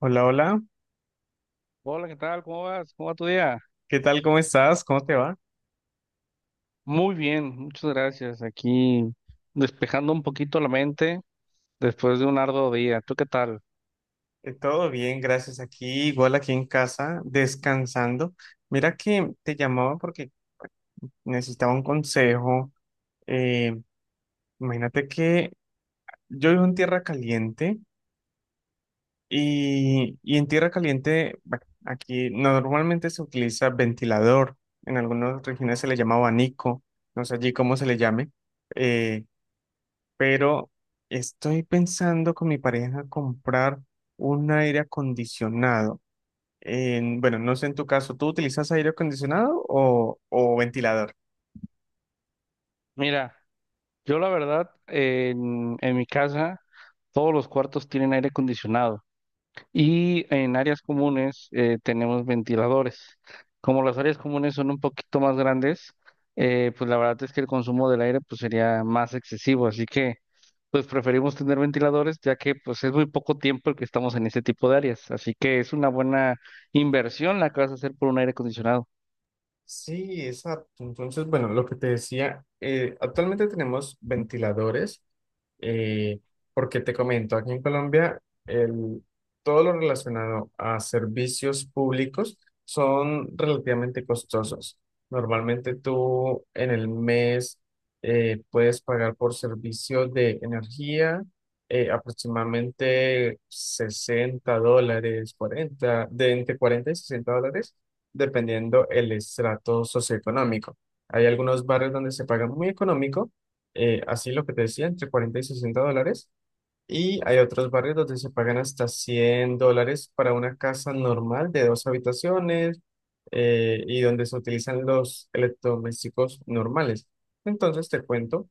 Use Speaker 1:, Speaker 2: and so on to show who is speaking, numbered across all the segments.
Speaker 1: Hola, hola.
Speaker 2: Hola, ¿qué tal? ¿Cómo vas? ¿Cómo va tu día?
Speaker 1: ¿Qué tal? ¿Cómo estás? ¿Cómo te va?
Speaker 2: Muy bien, muchas gracias. Aquí despejando un poquito la mente después de un arduo día. ¿Tú qué tal?
Speaker 1: Todo bien, gracias. Aquí, igual aquí en casa, descansando. Mira que te llamaba porque necesitaba un consejo. Eh, imagínate que yo vivo en Tierra Caliente y en Tierra Caliente, bueno, aquí normalmente se utiliza ventilador. En algunas regiones se le llama abanico. No sé allí cómo se le llame. Eh, pero estoy pensando con mi pareja comprar un aire acondicionado. Bueno, no sé en tu caso, ¿tú utilizas aire acondicionado o ventilador?
Speaker 2: Mira, yo la verdad, en mi casa todos los cuartos tienen aire acondicionado y en áreas comunes tenemos ventiladores. Como las áreas comunes son un poquito más grandes, pues la verdad es que el consumo del aire pues sería más excesivo. Así que pues preferimos tener ventiladores, ya que pues es muy poco tiempo el que estamos en este tipo de áreas, así que es una buena inversión la que vas a hacer por un aire acondicionado.
Speaker 1: Sí, exacto. Entonces, bueno, lo que te decía, actualmente tenemos ventiladores, eh, porque te comento, aquí en Colombia, el, todo lo relacionado a servicios públicos son relativamente costosos. Normalmente tú en el mes puedes pagar por servicios de energía aproximadamente $60, 40 de entre $40 y $60 dependiendo el estrato socioeconómico. Hay algunos barrios donde se paga muy económico, así lo que te decía, entre 40 y $60, y hay otros barrios donde se pagan hasta $100 para una casa normal de dos habitaciones y donde se utilizan los electrodomésticos normales. Entonces te cuento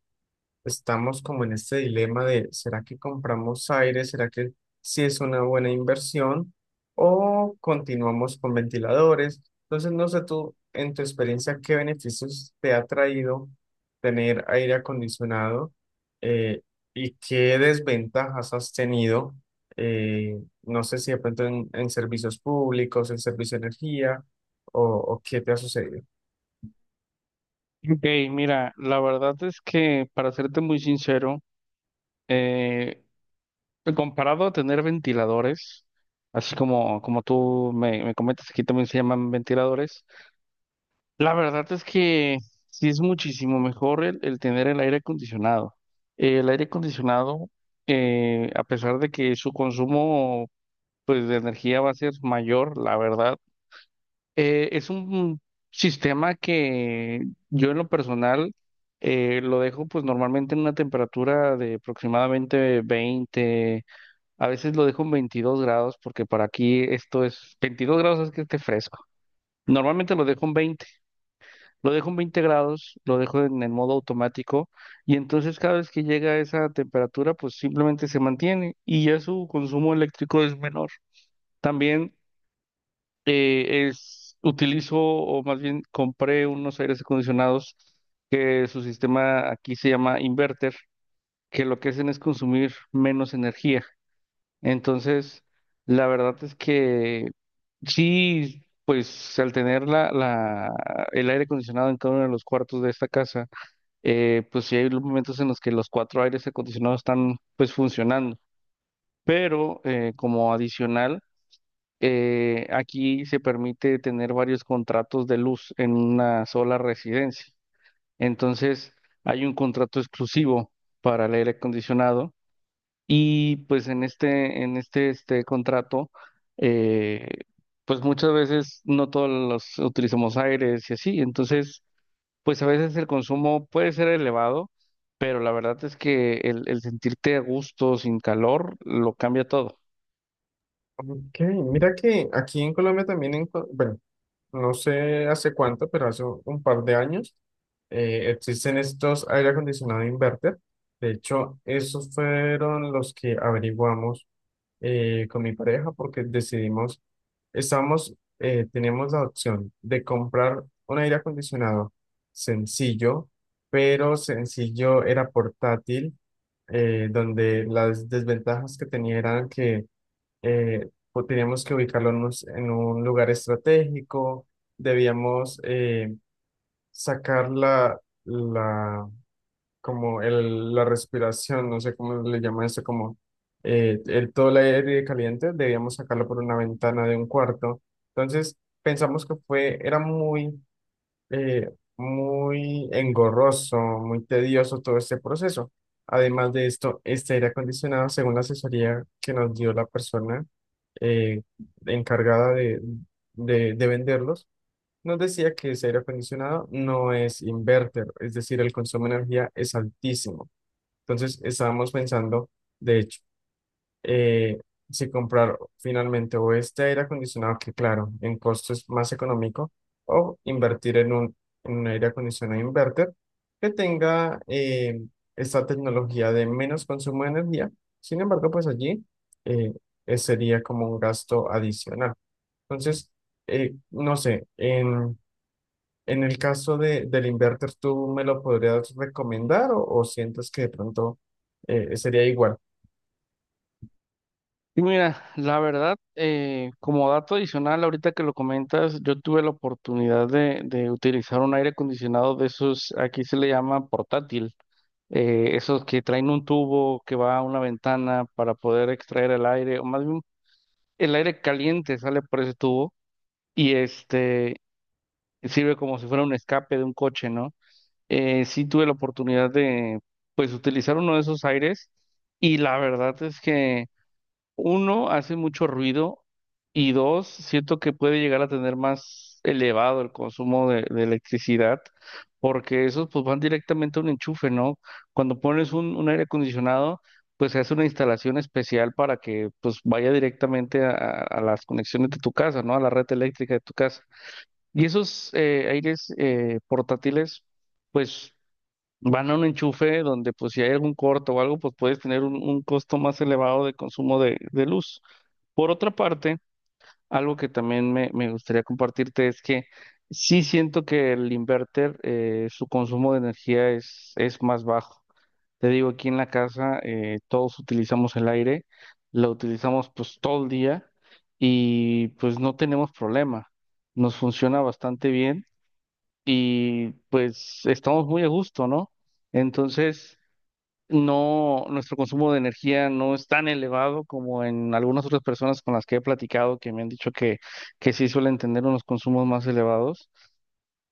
Speaker 1: estamos como en este dilema de, ¿será que compramos aire? ¿Será que sí es una buena inversión? ¿O continuamos con ventiladores? Entonces, no sé tú, en tu experiencia, ¿qué beneficios te ha traído tener aire acondicionado eh, y qué desventajas has tenido? Eh, no sé si de pronto en servicios públicos, en servicio de energía, o qué te ha sucedido.
Speaker 2: Ok, mira, la verdad es que para serte muy sincero, eh, comparado a tener ventiladores, así como, como tú me comentas, aquí también se llaman ventiladores. La verdad es que sí es muchísimo mejor el tener el aire acondicionado. El aire acondicionado, a pesar de que su consumo pues de energía va a ser mayor, la verdad. Es un sistema que yo en lo personal lo dejo pues normalmente en una temperatura de aproximadamente 20. A veces lo dejo en 22 grados, porque para aquí esto es, 22 grados es que esté fresco. Normalmente lo dejo en veinte grados, lo dejo en el modo automático y entonces cada vez que llega a esa temperatura pues simplemente se mantiene y ya su consumo eléctrico es menor. También utilizo, o más bien compré unos aires acondicionados que su sistema aquí se llama inverter, que lo que hacen es consumir menos energía. Entonces, la verdad es que sí, pues al tener el aire acondicionado en cada uno de los cuartos de esta casa, pues sí hay momentos en los que los cuatro aires acondicionados están pues funcionando. Pero como adicional, aquí se permite tener varios contratos de luz en una sola residencia. Entonces, hay un contrato exclusivo para el aire acondicionado y pues en este contrato, eh, pues muchas veces no todos los utilizamos aires y así. Entonces, pues a veces el consumo puede ser elevado, pero la verdad es que el sentirte a gusto, sin calor, lo cambia todo.
Speaker 1: Ok, mira que aquí en Colombia también, bueno, no sé hace cuánto, pero hace un par de años, existen estos aire acondicionado inverter. De hecho, esos fueron los que averiguamos con mi pareja porque decidimos, estamos teníamos la opción de comprar un aire acondicionado sencillo, pero sencillo era portátil, donde las desventajas que tenía eran que pues teníamos que ubicarlo en un lugar estratégico, debíamos sacar la, como el, la respiración, no sé cómo le llaman eso, como todo el aire caliente, debíamos sacarlo por una ventana de un cuarto. Entonces, pensamos que era muy eh, muy engorroso, muy tedioso todo este proceso. Además de esto, este aire acondicionado, según la asesoría que nos dio la persona eh, encargada de venderlos, nos decía que ese aire acondicionado no es inverter, es decir, el consumo de energía es altísimo. Entonces, estábamos pensando, de hecho, eh, si comprar finalmente o este aire acondicionado, que claro, en costo es más económico, o invertir en un aire acondicionado inverter que tenga esta tecnología de menos consumo de energía. Sin embargo, pues allí eh, sería como un gasto adicional. Entonces, no sé, en el caso de, del inverter, ¿tú me lo podrías recomendar o sientes que de pronto sería igual?
Speaker 2: Y mira, la verdad, como dato adicional, ahorita que lo comentas, yo tuve la oportunidad de utilizar un aire acondicionado de esos, aquí se le llama portátil, esos que traen un tubo que va a una ventana para poder extraer el aire, o más bien el aire caliente sale por ese tubo y este sirve como si fuera un escape de un coche, ¿no? Sí tuve la oportunidad de, pues, utilizar uno de esos aires y la verdad es que uno, hace mucho ruido y dos, siento que puede llegar a tener más elevado el consumo de electricidad, porque esos pues van directamente a un enchufe, ¿no? Cuando pones un aire acondicionado, pues se hace una instalación especial para que pues vaya directamente a, a las conexiones de tu casa, ¿no? A la red eléctrica de tu casa. Y esos aires portátiles, pues van a un enchufe donde pues si hay algún corto o algo, pues puedes tener un costo más elevado de consumo de luz. Por otra parte, algo que también me gustaría compartirte es que sí siento que el inverter, su consumo de energía es más bajo. Te digo, aquí en la casa todos utilizamos el aire, lo utilizamos pues todo el día y pues no tenemos problema. Nos funciona bastante bien y pues estamos muy a gusto, ¿no? Entonces no, nuestro consumo de energía no es tan elevado como en algunas otras personas con las que he platicado, que me han dicho que sí suelen tener unos consumos más elevados,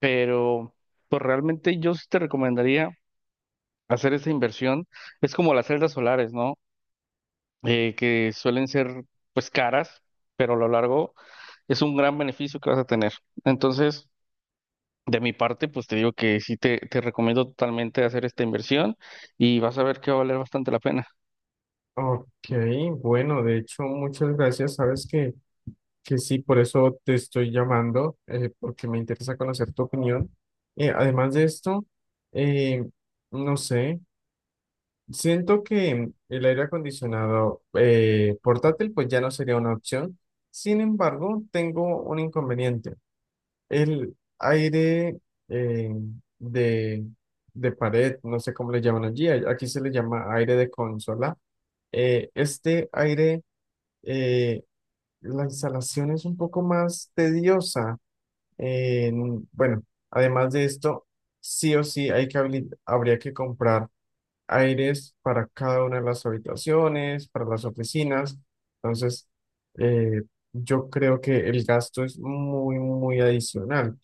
Speaker 2: pero pues realmente yo sí te recomendaría hacer esa inversión. Es como las celdas solares, ¿no? Que suelen ser pues caras, pero a lo largo es un gran beneficio que vas a tener. Entonces, de mi parte, pues te digo que sí te recomiendo totalmente hacer esta inversión y vas a ver que va a valer bastante la pena.
Speaker 1: Ok, bueno, de hecho, muchas gracias. Sabes que sí, por eso te estoy llamando, porque me interesa conocer tu opinión. Además de esto, eh, no sé, siento que el aire acondicionado portátil pues ya no sería una opción. Sin embargo, tengo un inconveniente. El aire eh, de, de pared, no sé cómo le llaman allí, aquí se le llama aire de consola. Este aire eh, la instalación es un poco más tediosa. Bueno, además de esto, sí o sí hay que habría que comprar aires para cada una de las habitaciones, para las oficinas. Entonces, eh, yo creo que el gasto es muy, muy adicional.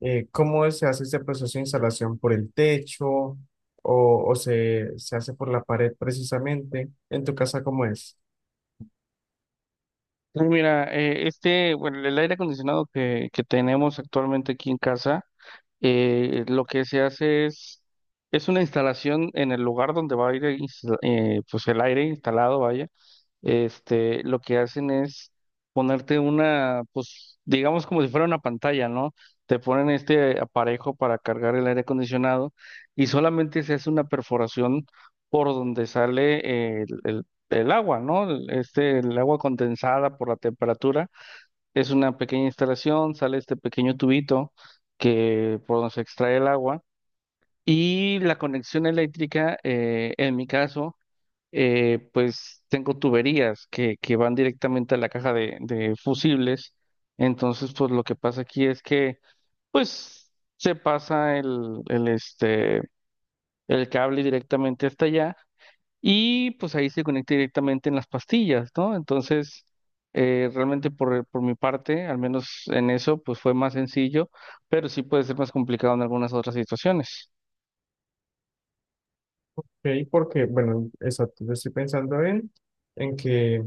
Speaker 1: ¿Cómo se hace este proceso de instalación? ¿Por el techo o se hace por la pared precisamente? ¿En tu casa cómo es?
Speaker 2: Sí, mira, bueno, el aire acondicionado que tenemos actualmente aquí en casa, lo que se hace es una instalación en el lugar donde va a ir pues el aire instalado. Vaya, este, lo que hacen es ponerte una, pues, digamos como si fuera una pantalla, ¿no? Te ponen este aparejo para cargar el aire acondicionado y solamente se hace una perforación por donde sale el agua, ¿no? El agua condensada por la temperatura. Es una pequeña instalación, sale este pequeño tubito que por donde se extrae el agua. Y la conexión eléctrica, en mi caso, pues tengo tuberías que van directamente a la caja de fusibles. Entonces, pues lo que pasa aquí es que, pues, se pasa el cable directamente hasta allá y pues ahí se conecta directamente en las pastillas, ¿no? Entonces, realmente por mi parte, al menos en eso, pues fue más sencillo, pero sí puede ser más complicado en algunas otras situaciones.
Speaker 1: Ok, porque, bueno, exacto, yo estoy pensando en que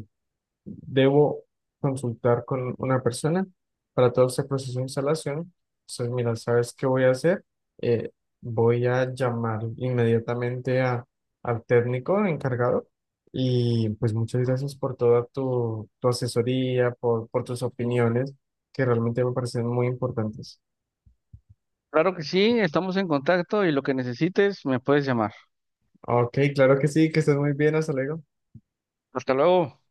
Speaker 1: debo consultar con una persona para todo este proceso de instalación. Entonces, mira, ¿sabes qué voy a hacer? Eh, voy a llamar inmediatamente al técnico encargado y pues muchas gracias por toda tu asesoría, por tus opiniones, que realmente me parecen muy importantes.
Speaker 2: Claro que sí, estamos en contacto y lo que necesites me puedes llamar.
Speaker 1: Ok, claro que sí, que estés muy bien, hasta luego.
Speaker 2: Hasta luego.